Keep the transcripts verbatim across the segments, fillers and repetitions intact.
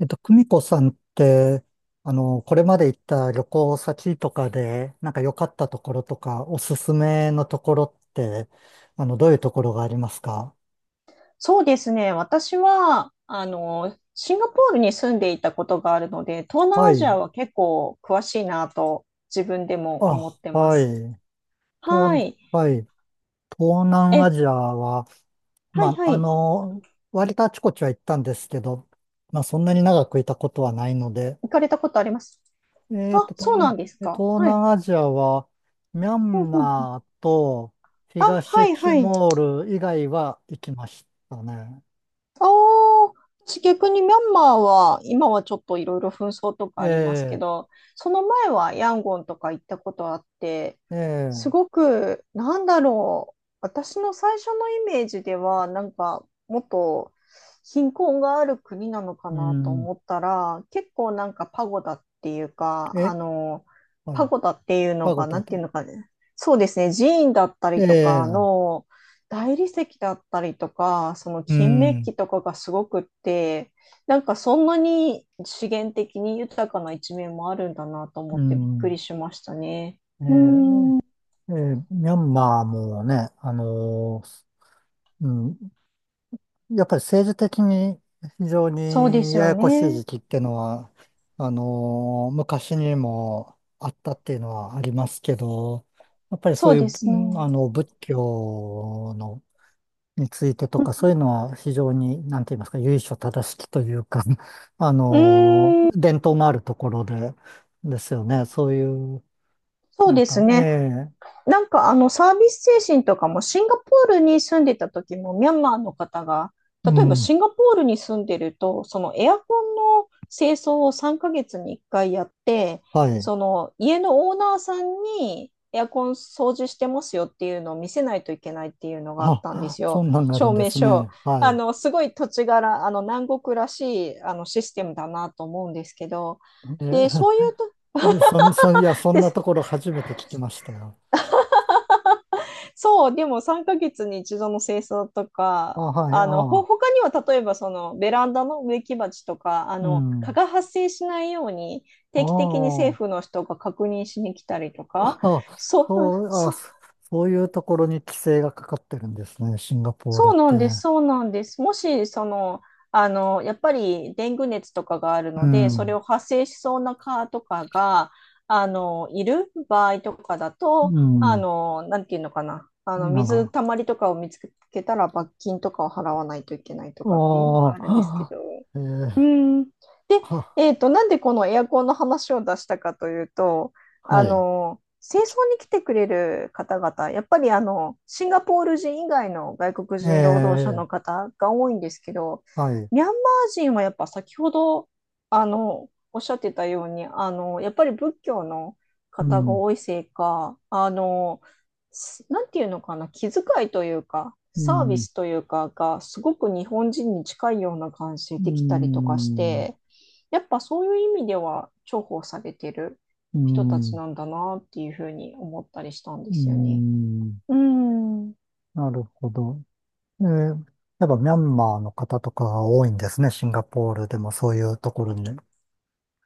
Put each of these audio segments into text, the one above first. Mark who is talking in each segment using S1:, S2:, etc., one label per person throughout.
S1: えっと、久美子さんって、あの、これまで行った旅行先とかで、なんか良かったところとか、おすすめのところって、あの、どういうところがありますか？
S2: そうですね。私は、あの、シンガポールに住んでいたことがあるので、東
S1: は
S2: 南アジ
S1: い。
S2: アは結構詳しいなと自分でも
S1: あ、
S2: 思ってま
S1: は
S2: す。
S1: い。
S2: は
S1: 東、
S2: い。
S1: はい。東南
S2: え、
S1: アジアは、
S2: はい
S1: まあ、
S2: は
S1: あ
S2: い。
S1: の、割とあちこちは行ったんですけど、まあ、そんなに長くいたことはないので、
S2: 行かれたことあります？
S1: えっ
S2: あ、
S1: と、
S2: そうな
S1: 東、
S2: んです
S1: え
S2: か。
S1: 東
S2: はい。
S1: 南アジアは、ミャ
S2: うん
S1: ン
S2: うんうん。
S1: マーと
S2: あ、は
S1: 東
S2: い
S1: チ
S2: はい。
S1: モール以外は行きましたね。
S2: ああ、私逆にミャンマーは、今はちょっといろいろ紛争とかありますけ
S1: え
S2: ど、その前はヤンゴンとか行ったことあって、
S1: え、え
S2: す
S1: え、
S2: ごく、なんだろう、私の最初のイメージでは、なんか、もっと貧困がある国なのか
S1: う
S2: なと
S1: ん、
S2: 思ったら、結構なんかパゴダっていうか、あ
S1: え、
S2: の、
S1: は
S2: パ
S1: い、
S2: ゴダっていうの
S1: パゴ
S2: が、な
S1: ダ
S2: んていう
S1: と。
S2: のかね、そうですね、寺院だった
S1: え
S2: りとか
S1: え、
S2: の、大理石だったりとか、その
S1: う
S2: 金メッ
S1: ん、
S2: キとかがすごくって、なんかそんなに資源的に豊かな一面もあるんだなと思
S1: う
S2: ってびっく
S1: ん、
S2: りしましたね。
S1: ええ、
S2: うーん、
S1: ええ、ミャンマーもね、あのーうん、やっぱり政治的に非常
S2: そうで
S1: に
S2: す
S1: や
S2: よ
S1: やこしい
S2: ね。
S1: 時期ってのは、あのー昔にもあったっていうのはありますけど、やっぱりそ
S2: そ
S1: う
S2: う
S1: い
S2: で
S1: う、う
S2: すね。
S1: んあの、仏教の、についてとか、そういうのは非常に、なんて言いますか、由緒正しきというか、あ
S2: う
S1: の
S2: ーん、
S1: ー伝統のあるところで、ですよね。そういう、
S2: そう
S1: なん
S2: です
S1: か、え
S2: ね。
S1: え、
S2: なんかあのサービス精神とかもシンガポールに住んでた時もミャンマーの方が、
S1: う
S2: 例えば
S1: ん、
S2: シンガポールに住んでるとそのエアコンの清掃をさんかげつにいっかいやって、
S1: はい。
S2: その家のオーナーさんにエアコン掃除してますよっていうのを見せないといけないっていうのがあったんで
S1: あ、
S2: す
S1: そ
S2: よ。
S1: んなんがある
S2: 証
S1: んで
S2: 明
S1: す
S2: 書。
S1: ね。は
S2: あ
S1: い。
S2: のすごい土地柄、あの南国らしいあのシステムだなと思うんですけど、で
S1: え
S2: そういうと、
S1: うん、そん、そん、いや、そん
S2: で、
S1: なところ初めて聞きましたよ。
S2: そう、でもさんかげつに一度の清掃と
S1: あ、
S2: か、
S1: はい、あ
S2: あの、ほ、
S1: あ、
S2: 他には例えばそのベランダの植木鉢とか、あ
S1: う
S2: の、蚊
S1: ん。
S2: が発生しないように
S1: あ
S2: 定期的に政
S1: あ、
S2: 府の人が確認しに来たりとか、
S1: ああ、
S2: そう、
S1: そう、あ、
S2: そ、
S1: そそういうところに規制がかかってるんですね、シンガポール
S2: そ
S1: っ
S2: うな
S1: て。
S2: んです、そうなんです。もし、その、あの、やっぱりデング熱とかがある
S1: う
S2: ので、それ
S1: ん、
S2: を発生しそうな蚊とかが、あの、いる場合とかだと、
S1: う
S2: あ
S1: ん、
S2: の、なんていうのかな、あの、
S1: なん
S2: 水
S1: か、
S2: たまりとかを見つけたら罰金とかを払わないといけないとかっていうのが
S1: あ
S2: あるんですけ
S1: あ、
S2: ど。
S1: えー、
S2: うん。で、
S1: は、
S2: えっと、なんでこのエアコンの話を出したかというと、あ
S1: はい、
S2: の、清掃に来てくれる方々、やっぱりあの、シンガポール人以外の外国人労働者
S1: え
S2: の
S1: え、
S2: 方が多いんですけど、
S1: はい、
S2: ミャンマー人はやっぱ先ほど、あの、おっしゃってたように、あの、やっぱり仏教の
S1: う
S2: 方が
S1: ん、
S2: 多いせいか、あの、すなんていうのかな、気遣いというか、
S1: う
S2: サービ
S1: ん、
S2: スというかが、すごく日本人に近いような感じ
S1: う
S2: できたりとかし
S1: ん、
S2: て、やっぱそういう意味では重宝されてる
S1: う
S2: 人たち
S1: ん、
S2: なんだなっていうふうに思ったりしたんで
S1: う
S2: すよね。
S1: ん、
S2: うん。
S1: なるほど。えー、やっぱミャンマーの方とかが多いんですね。シンガポールでもそういうところに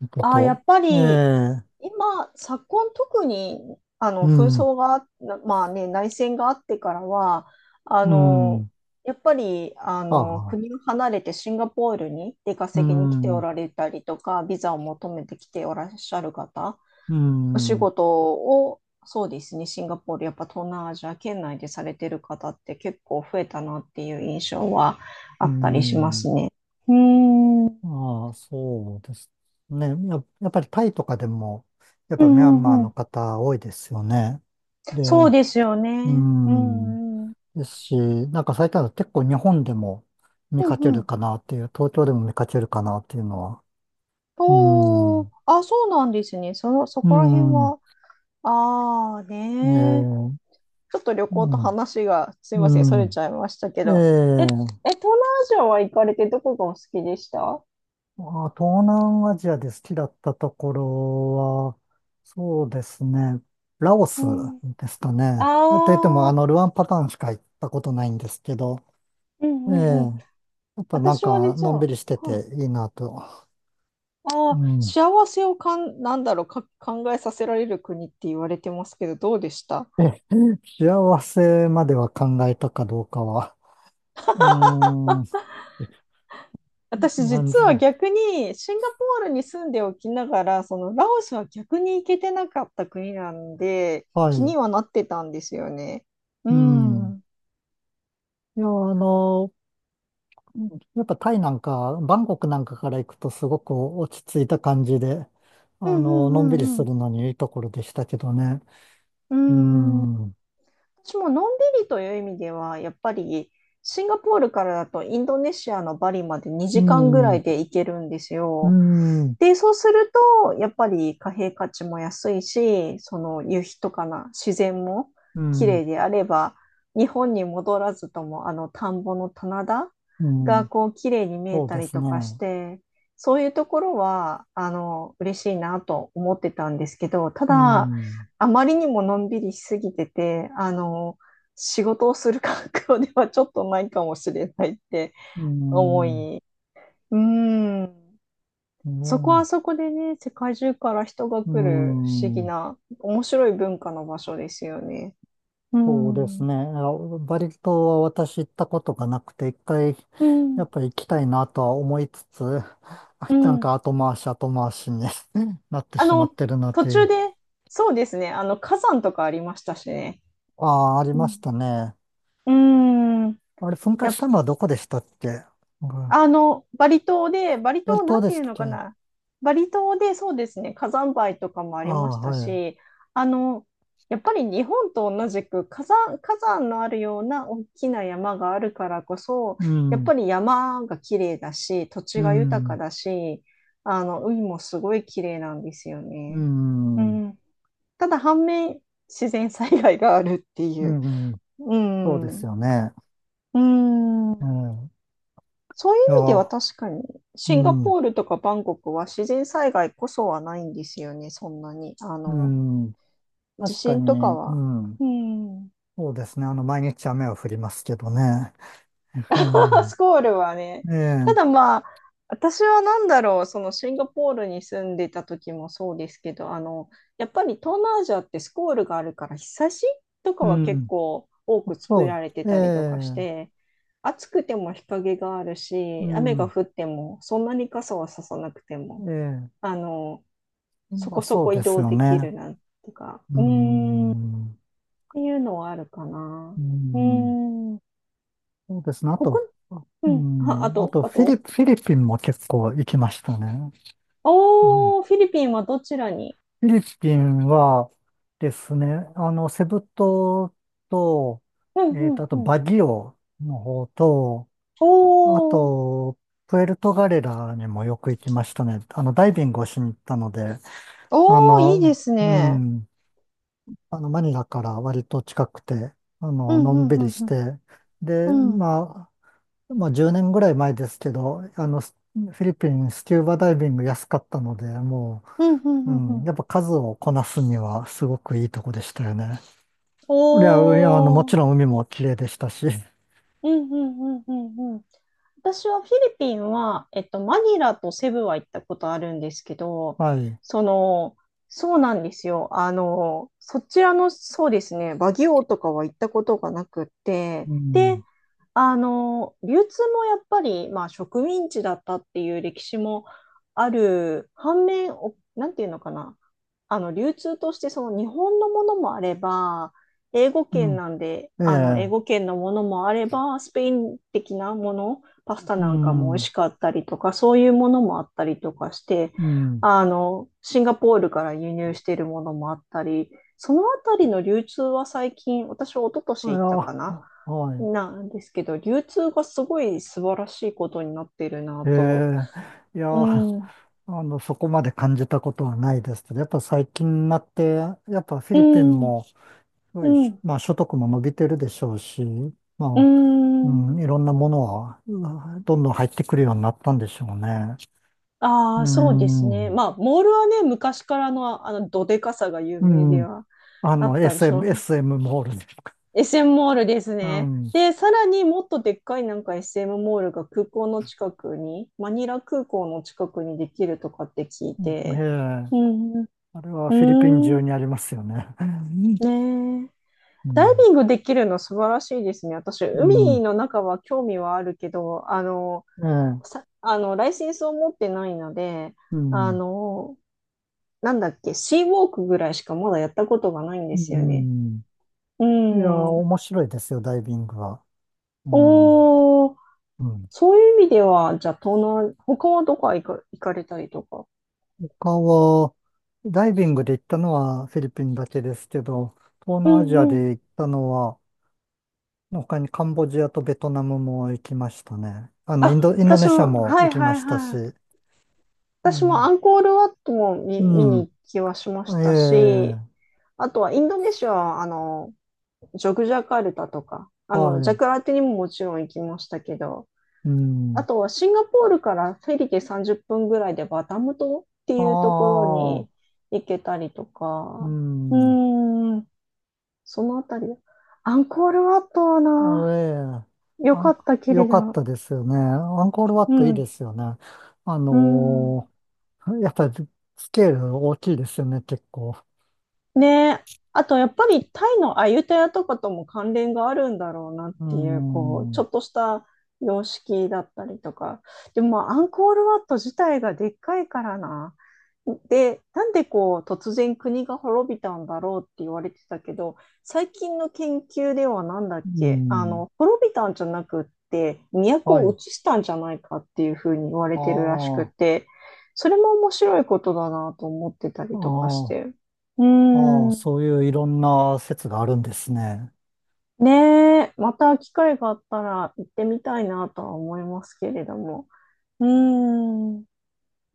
S1: 行く
S2: ああ、や
S1: と。
S2: っぱ
S1: え
S2: り
S1: え、
S2: 今、昨今特に、あ
S1: う
S2: の、紛
S1: ん、
S2: 争がな、まあね、内戦があってからは、あ
S1: う
S2: の、
S1: ん、
S2: やっぱり、あ
S1: あ
S2: の、
S1: あ、
S2: 国を離れてシンガポールに出
S1: う
S2: 稼ぎに来てお
S1: ん、
S2: られたりとか、ビザを求めてきておらっしゃる方、
S1: う
S2: お仕
S1: ん、う
S2: 事を、そうですね、シンガポール、やっぱ東南アジア圏内でされてる方って結構増えたなっていう印象はあったりしま
S1: ん、
S2: すね。うーん、うん
S1: ああ、そうですね。や、やっぱりタイとかでも、やっ
S2: う
S1: ぱミャンマー
S2: んう
S1: の
S2: ん。
S1: 方多いですよね。
S2: そう
S1: で、
S2: ですよ
S1: う
S2: ね。う
S1: ん、
S2: んうん。
S1: ですし、なんか最近は結構日本でも見
S2: うん
S1: かけ
S2: う
S1: る
S2: ん。
S1: かなっていう、東京でも見かけるかなっていうのは、う
S2: おー、
S1: ん、
S2: あ、そうなんですね。その、そ
S1: う
S2: こら辺
S1: ん、
S2: は、ああ
S1: え
S2: ねー、
S1: ー、
S2: ちょっと旅
S1: う
S2: 行と
S1: ん、
S2: 話が、すいません、そ
S1: う
S2: れち
S1: ん、
S2: ゃいましたけ
S1: え
S2: ど。え、え、
S1: ー、
S2: 東南アジアは行かれてどこがお好きでした？
S1: まあ、東南アジアで好きだったところは、そうですね、ラオ
S2: う
S1: スですかね。と言っても、
S2: ん。あ
S1: あ
S2: あ、
S1: の、ルアンパタンしか行ったことないんですけど、
S2: う
S1: ええ、
S2: んうんうん。
S1: やっぱなん
S2: 私は
S1: か、
S2: 実
S1: のんび
S2: は、
S1: りして
S2: はい。
S1: ていいなと。
S2: あ
S1: う
S2: あ、
S1: ん。
S2: 幸せをかん、なんだろう、か、考えさせられる国って言われてますけど、どうでした？
S1: え、幸せまでは考えたかどうかは、うーん、
S2: 私
S1: 感
S2: 実
S1: じ。
S2: は逆にシンガポールに住んでおきながら、そのラオスは逆に行けてなかった国なんで、
S1: は
S2: 気
S1: い。
S2: にはなってたんですよね。う
S1: う
S2: ん。う
S1: ん。
S2: ん
S1: いや、あの、うん、やっぱタイなんか、バンコクなんかから行くとすごく落ち着いた感じで、
S2: うん
S1: あの、
S2: う
S1: のんびり
S2: ん
S1: す
S2: うん。
S1: るのにいいところでしたけどね。うん、うん、
S2: 私ものんびりという意味では、やっぱりシンガポールからだとインドネシアのバリまで
S1: う
S2: にじかんぐら
S1: ん、
S2: いで行けるんですよ。で、そうすると、やっぱり貨幣価値も安いし、その夕日とかな自然も
S1: う
S2: 綺
S1: ん、
S2: 麗であれば、日本に戻らずともあの田んぼの棚田
S1: う
S2: が
S1: ん、
S2: こう綺麗に見え
S1: そう
S2: た
S1: で
S2: り
S1: す
S2: と
S1: ね。
S2: かして、そういうところはあの嬉しいなと思ってたんですけど、た
S1: う
S2: だ、
S1: ん、
S2: あまりにものんびりしすぎてて、あの、仕事をする環境ではちょっとないかもしれないって
S1: う
S2: 思
S1: ん、
S2: い、うーん、
S1: う
S2: そこは
S1: ん、
S2: そこでね、世界中から人が来
S1: う
S2: る不思議
S1: ん、
S2: な、面白い文化の場所ですよね。う
S1: そうで
S2: ん、
S1: す
S2: う
S1: ね。あバリ島は私行ったことがなくて、一回、やっ
S2: ん、
S1: ぱり行きたいなとは思いつつ、あ
S2: う
S1: なん
S2: ん。
S1: か後回し後回しに なって
S2: あ
S1: しまっ
S2: の、
S1: てるな
S2: 途
S1: とい
S2: 中
S1: う。
S2: で、そうですね、あの、火山とかありましたしね。
S1: ああ、あり
S2: う
S1: ま
S2: ん、
S1: したね。
S2: うん、
S1: あれ、噴火
S2: やっ
S1: したのはどこでしたっけ？うん、
S2: あの、バリ島で、バリ
S1: バリ
S2: 島な
S1: 島
S2: ん
S1: で
S2: て
S1: し
S2: いう
S1: たっ
S2: の
S1: け？
S2: か
S1: あ
S2: な。バリ島でそうですね、火山灰とかもあ
S1: あ、
S2: りました
S1: はい。
S2: し、あの、やっぱり日本と同じく火山、火山のあるような大きな山があるからこそ、
S1: う
S2: やっ
S1: ん、
S2: ぱり山が綺麗だし、土
S1: う
S2: 地が豊か
S1: ん、
S2: だし、あの、海もすごい綺麗なんですよ
S1: う
S2: ね。う
S1: ん、
S2: ん。ただ反面、自然災害があるって
S1: う
S2: いう。
S1: ん、
S2: う
S1: そうです
S2: ん。
S1: よね。
S2: う
S1: う
S2: ん。
S1: ん、い
S2: そうい
S1: や、
S2: う意味では確かに、
S1: う
S2: シンガ
S1: ん、
S2: ポールとかバンコクは自然災害こそはないんですよね、そんなに。あ
S1: う
S2: の、
S1: ん、
S2: 地
S1: 確か
S2: 震とか
S1: に、う
S2: は。
S1: ん、
S2: うん。
S1: そうですね。あの、毎日雨は降りますけどね。
S2: スコールはね。
S1: ええ、
S2: た
S1: え
S2: だ
S1: え、
S2: まあ、私はなんだろう、そのシンガポールに住んでた時もそうですけど、あの、やっぱり東南アジアってスコールがあるから日差しとか
S1: う
S2: は結
S1: ん、
S2: 構多く作
S1: そ
S2: られて
S1: う、え
S2: たりとかし
S1: え、
S2: て、暑くても日陰がある
S1: う
S2: し、雨が
S1: ん、
S2: 降ってもそんなに傘はささなくても、
S1: ええ、
S2: あの、そ
S1: まあ、
S2: こそ
S1: そう
S2: こ
S1: で
S2: 移
S1: す
S2: 動
S1: よ
S2: でき
S1: ね。
S2: るなんとか、
S1: う
S2: うーん、っ
S1: ん、
S2: ていうのはあるかな。
S1: う
S2: う
S1: ん、
S2: ーん、
S1: そうですね。あ
S2: 国、
S1: と、
S2: う
S1: う
S2: ん、あ、あ
S1: ん、あ
S2: と、
S1: と
S2: あ
S1: フィリ、
S2: と、
S1: フィリピンも結構行きましたね。うん、フ
S2: おー、フィリピンはどちらに？
S1: ィリピンはですね、あの、セブ島と、
S2: うんう
S1: えっと、
S2: ん
S1: あと
S2: うん。
S1: バギオの方と、あ
S2: おー、
S1: と、プエルトガレラにもよく行きましたね。あの、ダイビングをしに行ったので、あ
S2: おー、いいで
S1: の、
S2: す
S1: う
S2: ね。
S1: ん、あの、マニラから割と近くて、あ
S2: う
S1: の、
S2: ん、
S1: の
S2: う
S1: ん
S2: ん、
S1: び
S2: う
S1: り
S2: ん、
S1: し
S2: うん。
S1: て、で、
S2: うん、
S1: まあ、まあじゅうねんぐらい前ですけど、あの、スフィリピンスキューバダイビング安かったので、も
S2: うん、うん、
S1: う、
S2: う
S1: う
S2: ん。う
S1: ん、
S2: ん、
S1: やっぱ数をこなすにはすごくいいとこでしたよね。いや、いや、あの、も
S2: おー、
S1: ちろん海も綺麗でしたし、
S2: うんうんうんうんうん。私はフィリピンは、えっと、マニラとセブは行ったことあるんですけ ど、
S1: はい。
S2: その、そうなんですよ。あの、そちらの、そうですね、バギオとかは行ったことがなくって、
S1: う
S2: で、
S1: ん、
S2: あの、流通もやっぱり、まあ、植民地だったっていう歴史もある、反面、お、なんていうのかな、あの、流通としてその日本のものもあれば、英語
S1: う
S2: 圏
S1: ん、
S2: なんで、
S1: え
S2: あの、
S1: え、
S2: 英語圏のものもあれば、スペイン的なもの、パスタ
S1: う
S2: なんかも美
S1: ん、
S2: 味
S1: う
S2: しかったりとか、そういうものもあったりとかして、
S1: ん。
S2: あの、シンガポールから輸入しているものもあったり、そのあたりの流通は最近、私は一昨
S1: い
S2: 年
S1: や、
S2: 行ったかな、
S1: は
S2: なんですけど、流通がすごい素晴らしいことになっている
S1: い。
S2: な
S1: え
S2: と。
S1: え、いや、
S2: う
S1: あ
S2: ん、う
S1: の、そこまで感じたことはないですけど、やっぱ最近になって、やっぱフィリピン
S2: ん、
S1: も、すごい、
S2: うん、
S1: まあ、所得も伸びてるでしょうし、
S2: う
S1: まあ、う
S2: ん。
S1: ん、いろんなものは、うん、どんどん入ってくるようになったんでしょうね。う
S2: ああ、そうですね。
S1: ん、う
S2: まあ、モールはね、昔からのあの、どでかさが有名で
S1: ん、
S2: は
S1: あ
S2: あ
S1: の、
S2: ったりし
S1: エスエム、
S2: ます。
S1: エスエム モールとか。
S2: エスエム モールです
S1: う
S2: ね。
S1: ん、うん、
S2: で、さらにもっとでっかいなんか エスエム モールが空港の近くに、マニラ空港の近くにできるとかって聞い
S1: ええ、
S2: て。うん、う
S1: あれは
S2: ー
S1: フィリピン中
S2: ん、
S1: にありますよね。
S2: ねえ。
S1: う
S2: ダイ
S1: ん、
S2: ビングできるの素晴らしいですね。私、
S1: う
S2: 海
S1: ん、
S2: の中は興味はあるけど、あの、
S1: ええ、
S2: さ、あの、ライセンスを持ってないので、
S1: う
S2: あ
S1: ん、
S2: の、なんだっけ、シーウォークぐらいしかまだやったことがないんで
S1: う
S2: すよね。
S1: ん。
S2: う
S1: いや、
S2: ん。
S1: 面白いですよ、ダイビングは。うん、
S2: おー、
S1: うん。
S2: そういう意味では、じゃあ、東南、他はどこ行か、行かれたりとか。
S1: 他は、ダイビングで行ったのはフィリピンだけですけど、東
S2: う
S1: 南アジ
S2: ん
S1: ア
S2: う
S1: で
S2: ん。
S1: 行ったのは、他にカンボジアとベトナムも行きましたね。あの、イン
S2: あ、
S1: ド、インドネ
S2: 私
S1: シア
S2: も、
S1: も
S2: は
S1: 行
S2: い
S1: きま
S2: はい
S1: した
S2: は
S1: し。
S2: い。
S1: う
S2: 私もア
S1: ん。
S2: ンコールワットも見、見
S1: う
S2: に行きはしましたし、
S1: ん。ええ、
S2: あとはインドネシアは、あの、ジョグジャカルタとか、あの、ジャ
S1: は
S2: カルタにももちろん行きましたけど、
S1: い。う
S2: あ
S1: ん。
S2: とはシンガポールからフェリーでさんじゅっぷんぐらいでバタム島っていうと
S1: あ
S2: ころ
S1: あ、
S2: に行けたりと
S1: う
S2: か、う
S1: ん。
S2: ーん、そのあたり。アンコールワットは
S1: あ
S2: な、
S1: ええ
S2: よ
S1: あ
S2: か
S1: ん、
S2: ったき
S1: よ
S2: りじゃ
S1: かっ
S2: ん。
S1: たですよね。アンコールワッ
S2: う
S1: トいいで
S2: ん、
S1: すよね。あ
S2: うん。
S1: のーやっぱりスケール大きいですよね、結構。
S2: ねえ。あとやっぱりタイのアユタヤとかとも関連があるんだろうなっ
S1: う
S2: ていう、こう、
S1: ん。
S2: ちょ
S1: う
S2: っとした様式だったりとか。でもまあアンコールワット自体がでっかいからな。で、なんでこう突然国が滅びたんだろうって言われてたけど、最近の研究ではなんだっけ、あ
S1: ん。
S2: の、滅びたんじゃなくって、都
S1: は
S2: を
S1: い。
S2: 移したんじゃないかっていうふうに言われてるらしく
S1: ああ、
S2: て、それも面白いことだなと思ってたり
S1: あ
S2: とかし
S1: あ。
S2: て。うー
S1: ああ、
S2: ん。
S1: そういういろんな説があるんですね。
S2: ねえ、また機会があったら行ってみたいなとは思いますけれども。うーん。